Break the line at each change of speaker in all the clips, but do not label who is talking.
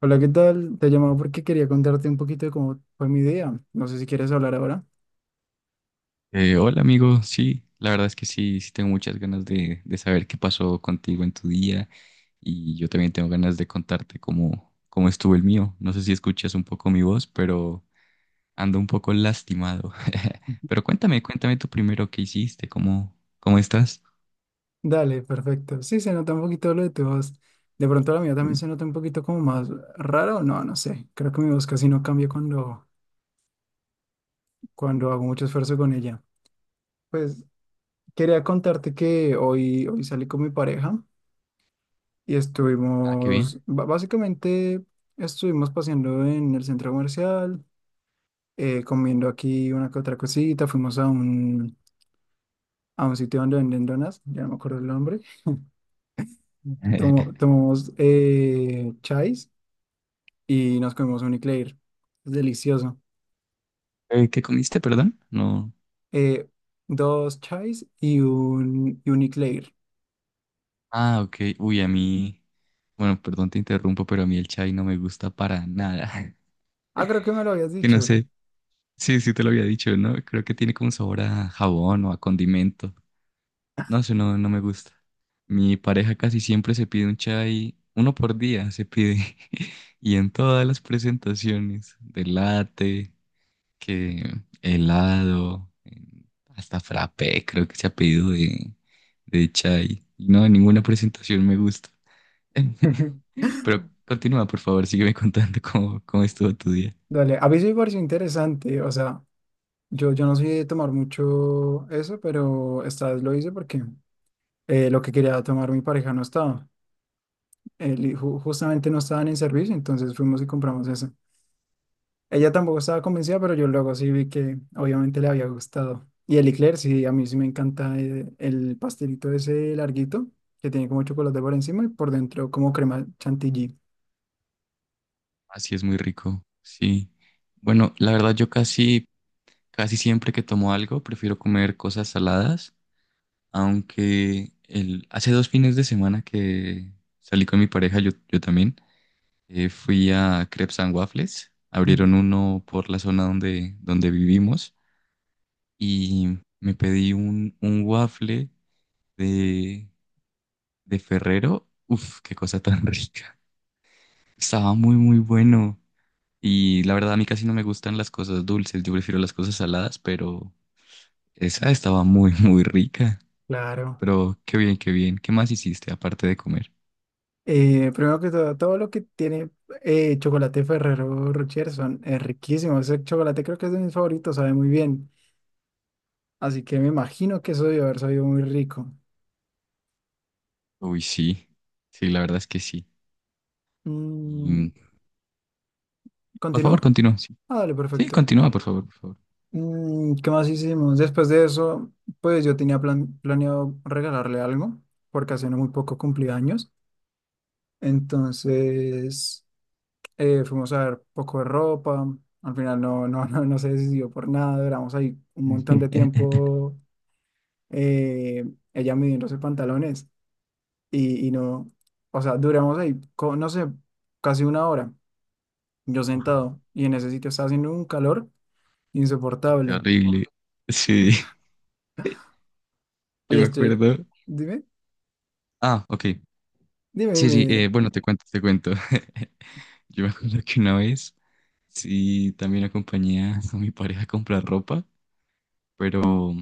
Hola, ¿qué tal? Te llamaba porque quería contarte un poquito de cómo fue mi día. No sé si quieres hablar ahora.
Hola amigo, sí, la verdad es que sí, sí tengo muchas ganas de saber qué pasó contigo en tu día y yo también tengo ganas de contarte cómo estuvo el mío. No sé si escuchas un poco mi voz, pero ando un poco lastimado.
Ujú.
Pero cuéntame, cuéntame tú primero qué hiciste, cómo estás.
Dale, perfecto. Sí, se nota un poquito lo de tu voz. De pronto la mía también
Mm.
se nota un poquito como más rara o no, no sé. Creo que mi voz casi no cambia cuando hago mucho esfuerzo con ella. Pues quería contarte que hoy salí con mi pareja y
Ah, qué bien.
estuvimos, básicamente estuvimos paseando en el centro comercial, comiendo aquí una que otra cosita, fuimos a a un sitio donde venden donas, ya no me acuerdo el nombre. Tomamos chais y nos comimos un eclair. Es delicioso.
¿Qué comiste, perdón? No.
Eh, dos chais y y un eclair.
Ah, ok. Uy, a mí, bueno, perdón te interrumpo, pero a mí el chai no me gusta para nada.
Ah, creo que me lo habías
Que no
dicho.
sé. Sí, sí te lo había dicho, ¿no? Creo que tiene como sabor a jabón o a condimento. No sé, no, no me gusta. Mi pareja casi siempre se pide un chai, uno por día se pide. Y en todas las presentaciones, de latte, que helado, hasta frappé, creo que se ha pedido de chai. Y no, en ninguna presentación me gusta. Pero continúa, por favor, sígueme contando cómo estuvo tu día.
Dale, a mí sí me pareció interesante. O sea, yo no soy de tomar mucho eso, pero esta vez lo hice porque lo que quería tomar mi pareja no estaba. Él y justamente no estaban en servicio, entonces fuimos y compramos eso. Ella tampoco estaba convencida, pero yo luego sí vi que obviamente le había gustado. Y el eclair, sí, a mí sí me encanta el pastelito ese larguito, que tiene como chocolate por encima y por dentro como crema chantilly.
Así es muy rico, sí. Bueno, la verdad yo casi siempre que tomo algo prefiero comer cosas saladas, aunque el, hace 2 fines de semana que salí con mi pareja, yo también, fui a Crepes and Waffles,
Mm.
abrieron uno por la zona donde vivimos y me pedí un waffle de, de Ferrero. Uf, qué cosa tan rica. Estaba muy, muy bueno. Y la verdad, a mí casi no me gustan las cosas dulces, yo prefiero las cosas saladas, pero esa estaba muy, muy rica.
Claro.
Pero qué bien, qué bien. ¿Qué más hiciste aparte de comer?
Primero que todo, todo lo que tiene chocolate Ferrero Rocher son, es riquísimo. Ese chocolate creo que es de mis favoritos, sabe muy bien. Así que me imagino que eso debe haber sabido muy rico.
Uy, sí, sí, la verdad es que sí.
Mm,
Y, por favor,
¿continúo?
continúa. Sí,
Ah, dale,
sí,
perfecto.
continúa, por favor, por favor.
Mm, ¿qué más hicimos? Después de eso, pues yo tenía planeado regalarle algo, porque hace no muy poco cumplí años. Entonces, fuimos a ver poco de ropa. Al final no, no se decidió por nada. Duramos ahí un montón de tiempo eh, ella midiéndose pantalones y no, o sea, duramos ahí, no sé, casi una hora, yo
Uf,
sentado y en ese sitio estaba haciendo un calor
qué
insoportable.
horrible. Sí, que
Y
me
estoy,
acuerdo.
dime,
Ah, ok.
dime,
Sí,
dime.
bueno, te cuento, te cuento. Yo me acuerdo que una vez, sí, también acompañé a mi pareja a comprar ropa, pero...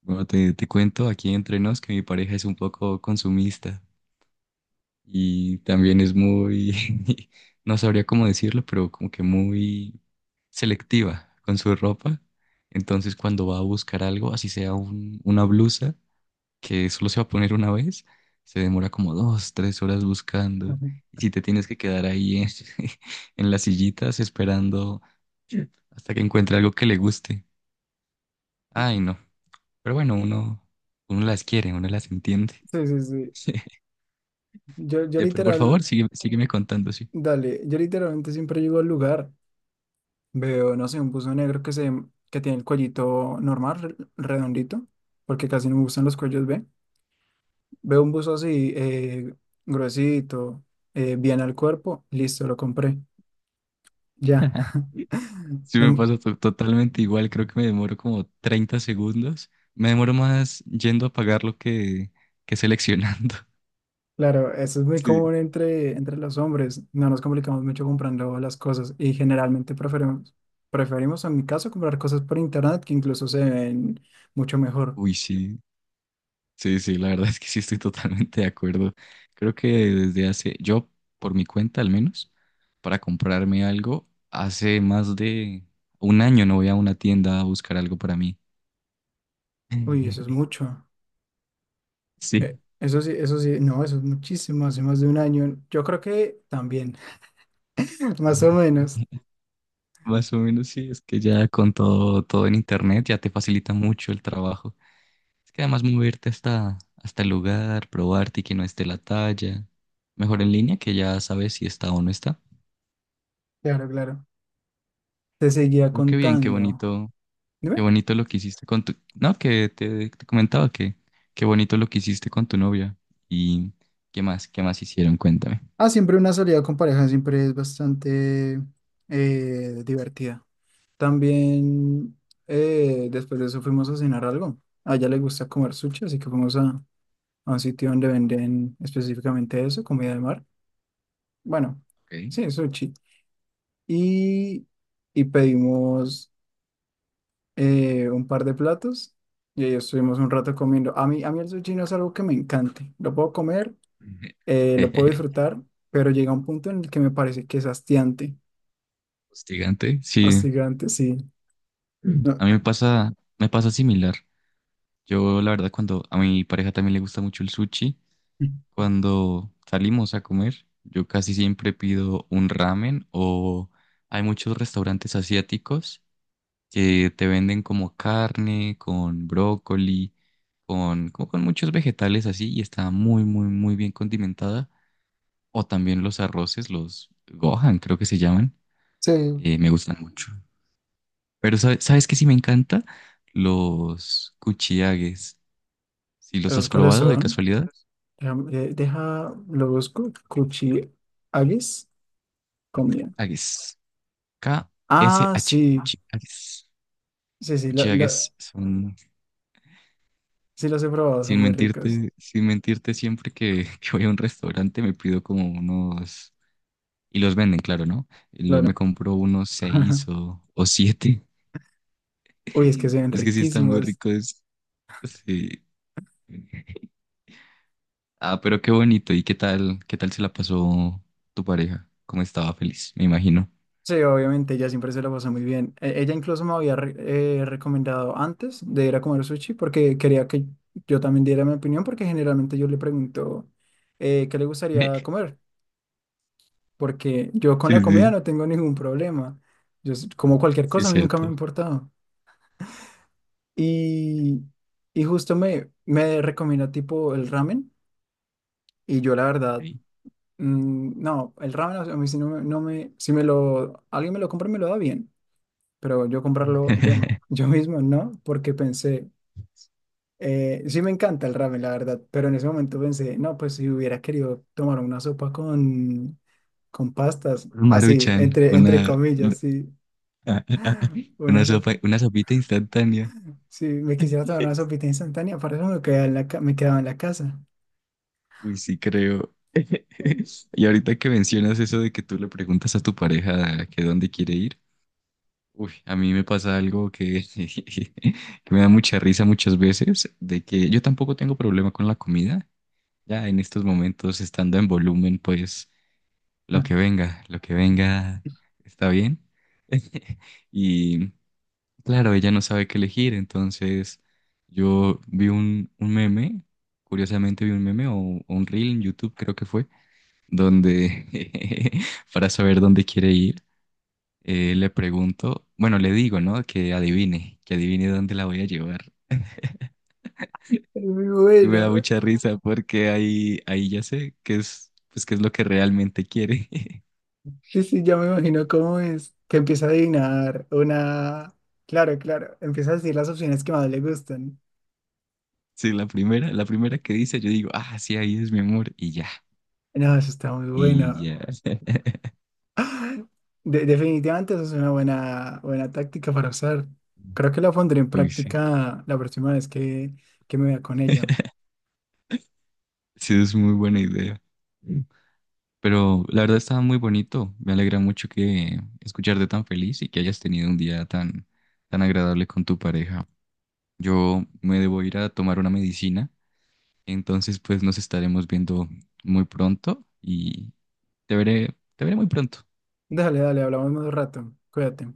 Bueno, te cuento aquí entre nos que mi pareja es un poco consumista y también es muy, no sabría cómo decirlo, pero como que muy selectiva con su ropa. Entonces cuando va a buscar algo, así sea una blusa que solo se va a poner una vez, se demora como 2, 3 horas buscando.
Ujú.
Y si te tienes que quedar ahí en, en las sillitas esperando hasta que encuentre algo que le guste. Ay, no. Pero bueno, uno las quiere, uno las entiende.
Sí, sí, sí. Yo
Pero por favor,
literal,
sigue, sígueme contando, sí.
dale, yo literalmente siempre llego al lugar, veo, no sé, un buzo negro que tiene el cuellito normal, redondito, porque casi no me gustan los cuellos B. Veo un buzo así, gruesito, bien al cuerpo, listo, lo compré, ya.
Sí me
No-
pasa totalmente igual, creo que me demoro como 30 segundos. Me demoro más yendo a pagarlo que seleccionando.
claro, eso es muy
Sí.
común entre, entre los hombres, no nos complicamos mucho comprando las cosas y generalmente preferimos, preferimos en mi caso comprar cosas por internet que incluso se ven mucho mejor.
Uy, sí, sí, sí, la verdad es que sí estoy totalmente de acuerdo. Creo que desde hace, yo por mi cuenta al menos, para comprarme algo, hace más de un año no voy a una tienda a buscar algo para mí.
Uy, eso es mucho.
Sí.
Eso sí, eso sí, no, eso es muchísimo, hace más de un año. Yo creo que también, más o menos.
Más o menos sí, es que ya con todo en internet ya te facilita mucho el trabajo. Es que además moverte hasta el lugar, probarte y que no esté la talla. Mejor en línea que ya sabes si está o no está.
Claro, claro. Te seguía
Pero qué bien, qué sí,
contando.
bonito, qué
Dime.
bonito lo que hiciste con tu... No, que te comentaba que qué bonito lo que hiciste con tu novia. ¿Y qué más? ¿Qué más hicieron? Cuéntame.
Ah, siempre una salida con pareja siempre es bastante divertida. También después de eso fuimos a cenar algo. A ella le gusta comer sushi, así que fuimos a un sitio donde venden específicamente eso, comida de mar. Bueno,
Okay.
sí, sushi. Y, y pedimos, un par de platos y ahí estuvimos un rato comiendo. A mí el sushi no es algo que me encante. Lo puedo comer, lo puedo disfrutar, pero llega un punto en el que me parece que es hastiante.
Hostigante. Sí,
Hastigante, sí. No,
a mí me pasa similar. Yo, la verdad, cuando a mi pareja también le gusta mucho el sushi, cuando salimos a comer, yo casi siempre pido un ramen o hay muchos restaurantes asiáticos que te venden como carne, con brócoli, con, como con muchos vegetales así y está muy, muy, muy bien condimentada. O también los arroces, los gohan, creo que se llaman,
sí.
me gustan mucho. Pero ¿sabes qué sí me encanta? Los kuchiagues. ¿Si los
¿Esos
has
cuáles
probado de
son?
casualidad?
Deja, lo busco. Kuchi agis, comida.
Agues.
Ah,
K-S-H.
sí.
Cuchiagues.
Sí,
Los
sí,
cuchiagues son,
sí los he probado, son
sin
muy ricos.
mentirte, sin mentirte, siempre que, que voy a un restaurante me pido como unos, y los venden, claro, ¿no? Y los, me
Claro.
compro unos seis o siete.
Uy, es que se ven
Es que sí están muy
riquísimos.
ricos. Sí. Ah, pero qué bonito. ¿Y qué tal se la pasó tu pareja? ¿Cómo estaba feliz? Me imagino.
Sí, obviamente, ella siempre se la pasa muy bien. Ella incluso me había recomendado antes de ir a comer sushi porque quería que yo también diera mi opinión porque generalmente yo le pregunto qué le gustaría comer, porque yo con
Sí,
la comida
sí,
no tengo ningún problema. Yo como cualquier
sí,
cosa,
es
a mí nunca me ha
cierto.
importado. Y, y justo me, me recomienda tipo el ramen y yo la verdad,
Sí.
mm, no, el ramen a mí si no, me, no me, si me lo, alguien me lo compra, y me lo da bien pero yo comprarlo yo, yo mismo no, porque pensé, sí me encanta el ramen, la verdad, pero en ese momento pensé, no, pues si hubiera querido tomar una sopa con pastas,
Un
así,
Maruchan,
entre, entre
una,
comillas, sí, una
una
sopa,
sopa, una sopita instantánea.
si me quisiera tomar una sopita instantánea, para eso me quedaba en la, me quedaba en la casa.
Uy, sí creo. Y ahorita que mencionas eso de que tú le preguntas a tu pareja que dónde quiere ir, uy, a mí me pasa algo que, que me da mucha risa muchas veces, de que yo tampoco tengo problema con la comida. Ya en estos momentos, estando en volumen, pues
Mm.
lo que venga está bien. Y claro, ella no sabe qué elegir, entonces yo vi un meme, curiosamente vi un meme o un reel en YouTube creo que fue, donde para saber dónde quiere ir, le pregunto, bueno, le digo, ¿no? Que adivine dónde la voy a llevar.
Es muy
Y me
buena,
da
güey.
mucha risa porque ahí ya sé qué es, pues, qué es lo que realmente quiere.
Sí, sí, ya me imagino cómo es. Que empieza a adivinar una. Claro, claro. Empieza a decir las opciones que más le gustan.
Sí, la primera que dice, yo digo, ah, sí, ahí es mi amor, y ya,
No, eso está muy
y
bueno.
ya.
Definitivamente eso es una buena, buena táctica para usar. Creo que la pondré en
Uy, sí.
práctica la próxima vez que me vea con ella.
Sí, es muy buena idea. Pero la verdad estaba muy bonito. Me alegra mucho que escucharte tan feliz y que hayas tenido un día tan agradable con tu pareja. Yo me debo ir a tomar una medicina, entonces pues nos estaremos viendo muy pronto y te veré muy pronto.
Déjale, dale, hablamos más rato. Cuídate.